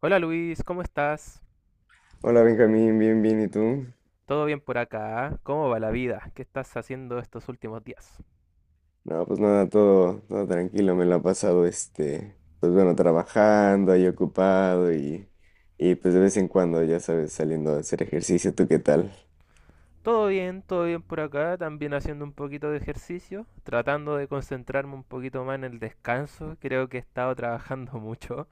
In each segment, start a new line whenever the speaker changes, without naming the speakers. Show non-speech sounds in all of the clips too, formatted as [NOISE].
Hola Luis, ¿cómo estás?
Hola Benjamín, bien, bien, ¿y tú?
¿Todo bien por acá? ¿Cómo va la vida? ¿Qué estás haciendo estos últimos días?
No, pues nada, todo tranquilo, me lo ha pasado pues bueno, trabajando ahí ocupado, y pues de vez en cuando, ya sabes, saliendo a hacer ejercicio. ¿Tú qué tal?
Todo bien por acá, también haciendo un poquito de ejercicio, tratando de concentrarme un poquito más en el descanso. Creo que he estado trabajando mucho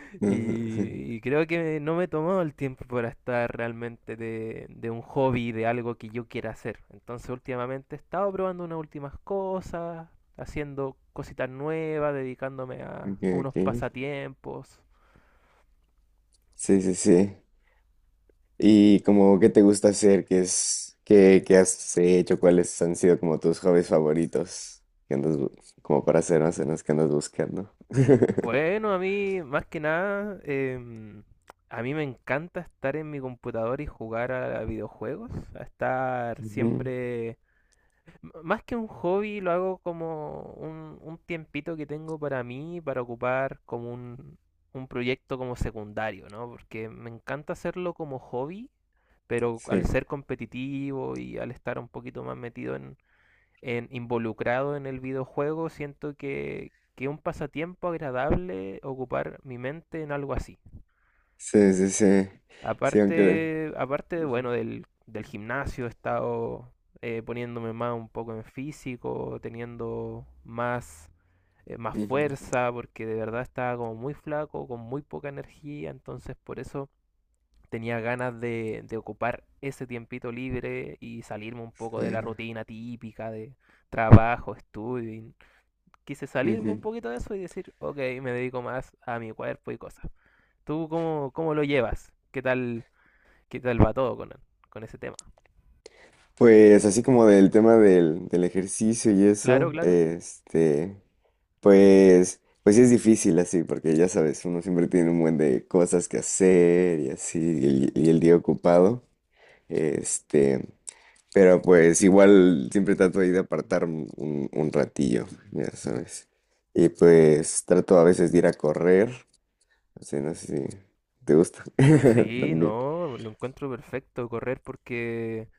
[LAUGHS] y,
[LAUGHS]
y creo que no me he tomado el tiempo para estar realmente de un hobby, de algo que yo quiera hacer. Entonces últimamente he estado probando unas últimas cosas, haciendo cositas nuevas, dedicándome a
Ok,
a unos
ok.
pasatiempos.
Sí, sí, sí. ¿Y como qué te gusta hacer? ¿Qué es, qué, qué has hecho? ¿Cuáles han sido como tus hobbies favoritos? ¿Qué andas, como para hacer más o menos que andas buscando? [LAUGHS]
Bueno, a mí, más que nada, a mí me encanta estar en mi computador y jugar a videojuegos, a estar
Ujú.
siempre, más que un hobby, lo hago como un tiempito que tengo para mí, para ocupar como un proyecto como secundario, ¿no? Porque me encanta hacerlo como hobby, pero al
Sí,
ser competitivo y al estar un poquito más metido involucrado en el videojuego, siento que es un pasatiempo agradable ocupar mi mente en algo así.
sí, sí. Sí, aunque,
Aparte, aparte de, bueno,
ujú,
del gimnasio he estado poniéndome más un poco en físico, teniendo más, más
ujú,
fuerza, porque de verdad estaba como muy flaco, con muy poca energía. Entonces por eso tenía ganas de ocupar ese tiempito libre y salirme un poco de la
eh,
rutina típica de trabajo, estudio, y quise salirme un
ujú.
poquito de eso y decir, ok, me dedico más a mi cuerpo y cosas. ¿Tú cómo, cómo lo llevas? Qué tal va todo con ese tema?
Pues así como del tema del ejercicio y
Claro,
eso,
claro.
pues, pues sí es difícil así, porque ya sabes, uno siempre tiene un buen de cosas que hacer y así, y el día ocupado, este, pero pues igual siempre trato ahí de apartar un ratillo, ya sabes, y pues trato a veces de ir a correr, o sea, no sé si te gusta [LAUGHS]
Sí,
también.
no, lo encuentro perfecto correr porque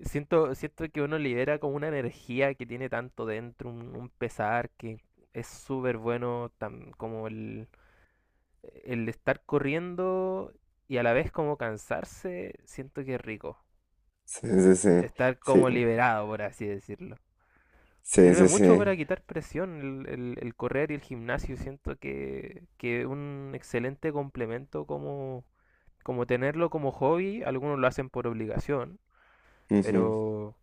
siento, siento que uno libera como una energía que tiene tanto dentro, un pesar que es súper bueno como el estar corriendo y a la vez como cansarse, siento que es rico.
Sí, sí, sí.
Estar
Sí,
como liberado, por así decirlo.
sí,
Sirve
sí,
mucho
sí.
para quitar presión el, el correr y el gimnasio. Siento que un excelente complemento como, como tenerlo como hobby. Algunos lo hacen por obligación,
Ujú.
pero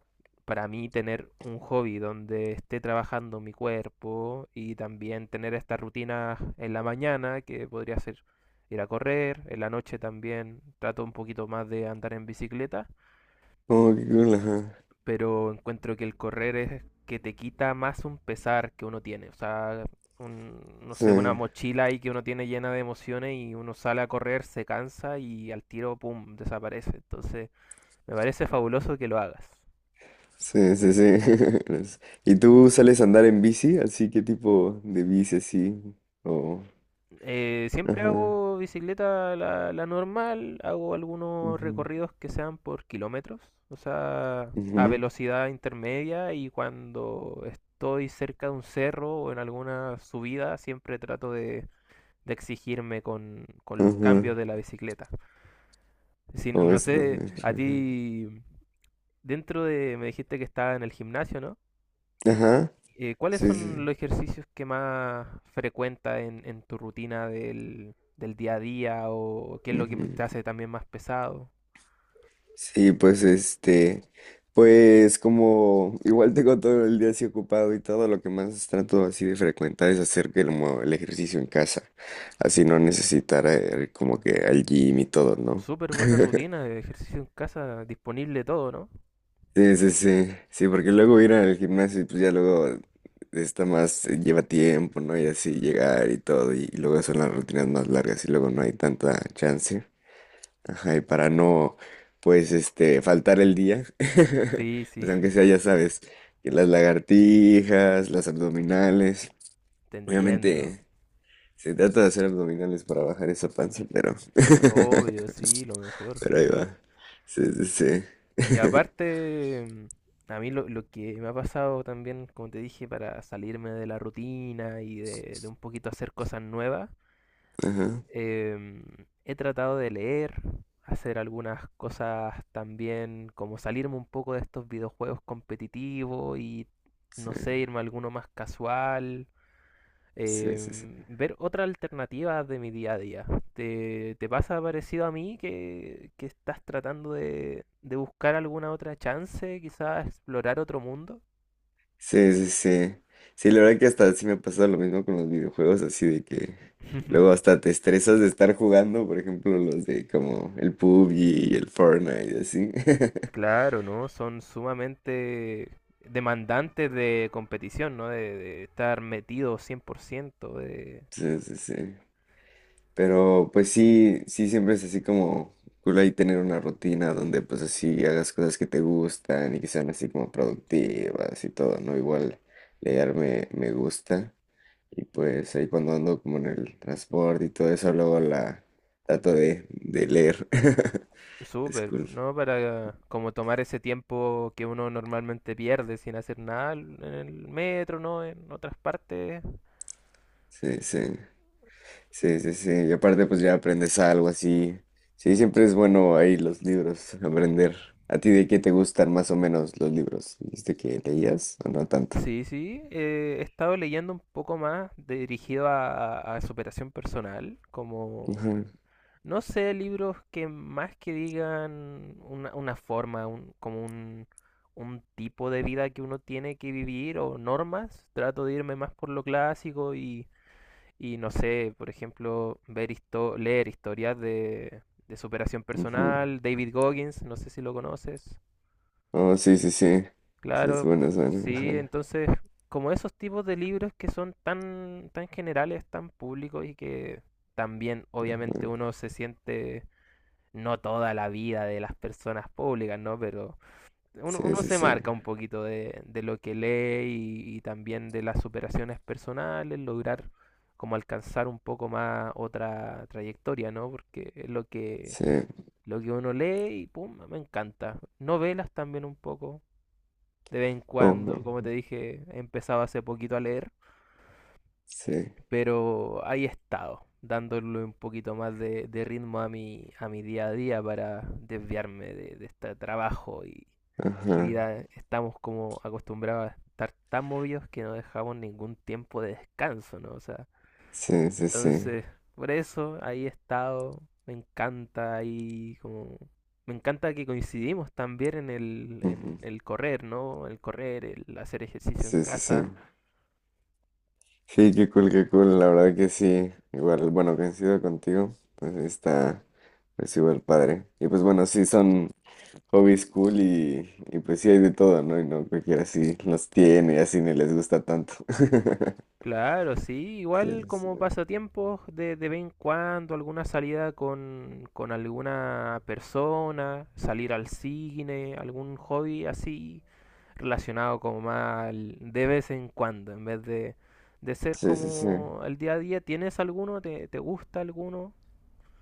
para mí tener un hobby donde esté trabajando mi cuerpo y también tener estas rutinas en la mañana, que podría ser ir a correr, en la noche también trato un poquito más de andar en bicicleta,
Oh, qué cool, ajá.
pero encuentro que el correr es que te quita más un pesar que uno tiene. O sea, un, no
Sí,
sé, una mochila ahí que uno tiene llena de emociones y uno sale a correr, se cansa y al tiro, ¡pum!, desaparece. Entonces, me parece fabuloso que lo hagas.
sí, sí, sí. [LAUGHS] ¿Y tú sales a andar en bici? ¿Así qué tipo de bici así? O...
Siempre
Ajá.
hago bicicleta la, la normal, hago algunos
Ujú,
recorridos que sean por kilómetros, o sea, a
ujú,
velocidad intermedia, y cuando estoy cerca de un cerro o en alguna subida siempre trato de exigirme con los
ajá.
cambios de la bicicleta. Si, no,
O
no
eso
sé,
también.
a
Ajá.
ti, dentro de, me dijiste que estaba en el gimnasio, ¿no?
Ajá,
¿Cuáles son
sí,
los ejercicios que más frecuentas en tu rutina del, del día a día, o qué es
sí.
lo que te hace también más pesado?
Sí, pues pues como igual tengo todo el día así ocupado y todo lo que más trato así de frecuentar es hacer que el ejercicio en casa, así no necesitar como que al gym y todo, ¿no?
Súper buena rutina, ejercicio en casa, disponible todo, ¿no?
Sí, sí, sí, sí, porque luego ir al gimnasio y pues ya luego está más, lleva tiempo, ¿no? Y así llegar y todo, y luego son las rutinas más largas y luego no hay tanta chance. Ajá, y para no, pues, faltar el día,
Sí,
[LAUGHS]
sí,
pues aunque sea, ya
[LAUGHS]
sabes, que las lagartijas, las abdominales,
te entiendo.
obviamente se trata de hacer abdominales para bajar esa panza, pero,
Obvio,
[LAUGHS]
sí, lo mejor,
pero ahí
sí.
va. Sí, sí, sí.
Y
[LAUGHS]
aparte, a mí lo que me ha pasado también, como te dije, para salirme de la rutina y de un poquito hacer cosas nuevas,
Ajá,
em, he tratado de leer, hacer algunas cosas también, como salirme un poco de estos videojuegos competitivos no
sí,
sé, irme a alguno más casual,
sí, sí. Sí.
ver otra alternativa de mi día a día. ¿Te, te pasa parecido a mí que estás tratando de buscar alguna otra chance, quizás explorar otro mundo?
Sí, sí, sí. Sí, la verdad que hasta sí me pasa lo mismo con los videojuegos, así de que
[LAUGHS]
luego hasta te estresas de estar jugando, por ejemplo, los de como el pub y el Fortnite y así. [LAUGHS]
Claro, ¿no? Son sumamente demandantes de competición, ¿no? De estar metido 100%, de...
Sí, sí, sí. Pero pues sí, sí, siempre es así como cool ahí tener una rutina donde pues así hagas cosas que te gustan y que sean así como productivas y todo, ¿no? Igual leer me gusta. Y pues ahí cuando ando como en el transporte y todo eso, luego la trato de leer. [LAUGHS] Es
Súper,
cool.
¿no? Para como tomar ese tiempo que uno normalmente pierde sin hacer nada en el metro, ¿no? En otras partes,
Sí, sí. Sí, sí, sí. Y aparte pues ya aprendes algo así. Sí, siempre es bueno ahí los libros, aprender. ¿A ti de qué te gustan más o menos los libros? ¿Viste que leías o no tanto?
sí, sí, he estado leyendo un poco más dirigido a, a superación personal, como,
Ajá,
no sé, libros que más que digan una forma, como un tipo de vida que uno tiene que vivir o normas, trato de irme más por lo clásico y no sé, por ejemplo, ver leer historias de superación
ujú.
personal, David Goggins, no sé si lo conoces.
Oh, sí, sí, sí. Sí, es
Claro,
bueno, es bueno.
sí,
Ajá,
entonces, como esos tipos de libros que son tan, tan generales, tan públicos, y que también
ajá.
obviamente uno se siente, no toda la vida de las personas públicas, ¿no? Pero uno,
Sí,
uno
sí,
se
sí.
marca un poquito de lo que lee, y también de las superaciones personales, lograr como alcanzar un poco más otra trayectoria, ¿no? Porque es
Sí.
lo que uno lee y pum, me encanta. Novelas también un poco. De vez en cuando,
Oh,
como te dije, he empezado hace poquito a leer,
sí.
pero ahí he estado dándole un poquito más de ritmo a mi día a día, para desviarme de este trabajo y
Ajá.
vida. Estamos como acostumbrados a estar tan movidos que no dejamos ningún tiempo de descanso, ¿no? O sea,
Sí, sí, sí.
entonces, por eso ahí he estado, me encanta ahí como... Me encanta que coincidimos también en
Ujú.
el correr, ¿no? El correr, el hacer ejercicio en
Sí, sí, sí.
casa.
Sí, qué cool, qué cool. La verdad que sí. Igual, bueno, coincido contigo. Pues sí está, pues igual padre. Y pues bueno, sí, son hobbies cool y pues sí hay de todo, ¿no? Y no cualquiera sí los tiene y así ni les gusta tanto. [LAUGHS]
Claro, sí,
Sí,
igual
sí,
como pasatiempos de vez en cuando, alguna salida con alguna persona, salir al cine, algún hobby así relacionado como más de vez en cuando, en vez de ser
sí, sí, sí.
como el día a día. ¿Tienes alguno? ¿Te, te gusta alguno?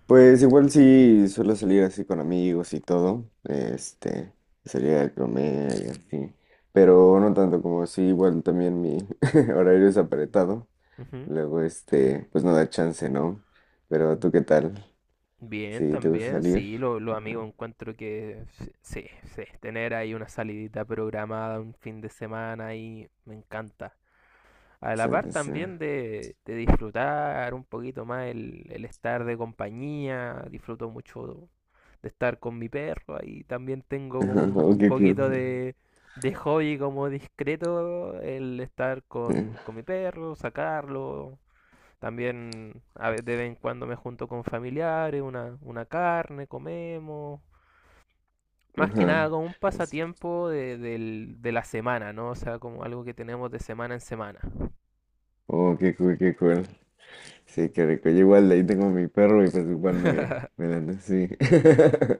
Pues igual sí suelo salir así con amigos y todo, salir a comer y así, pero no tanto como sí, igual también mi [LAUGHS] horario es apretado.
Ujú.
Luego, pues no da chance, ¿no? Pero tú, ¿qué tal?
Bien,
¿Sí te gusta
también,
salir?
sí, los
Ajá.
amigos encuentro que sí, sí, tener ahí una salidita programada un fin de semana ahí me encanta. A la
Sí,
par
sí, sí.
también
[LAUGHS]
de disfrutar un poquito más el estar de compañía, disfruto mucho de estar con mi perro, ahí también tengo como
Ajá, oh,
un
qué cool.
poquito de hobby como discreto el estar
Sí,
con mi perro, sacarlo, también a de vez en cuando me junto con familiares, una carne, comemos. Más que nada
ajá.
como un
Es-
pasatiempo de, de la semana, ¿no? O sea, como algo que tenemos de semana en semana.
Oh, qué cool, qué cool. Sí, qué rico. Yo igual de ahí tengo mi perro y pues igual me dan así.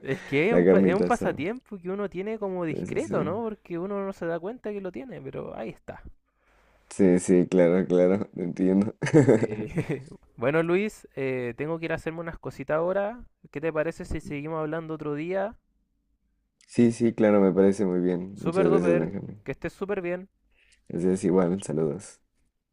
Es que es
La
un, es un
carnita asada.
pasatiempo que uno tiene como
Sí, sí, sí.
discreto, ¿no? Porque uno no se da cuenta que lo tiene, pero ahí está.
Sí, sí, claro, claro, te entiendo.
Sí.
[LAUGHS]
[LAUGHS] Bueno, Luis, tengo que ir a hacerme unas cositas ahora. ¿Qué te parece si seguimos hablando otro día?
Sí, sí, claro, me parece muy bien. Muchas
Super
gracias,
duper,
Benjamín.
que estés súper bien.
Así es igual, saludos.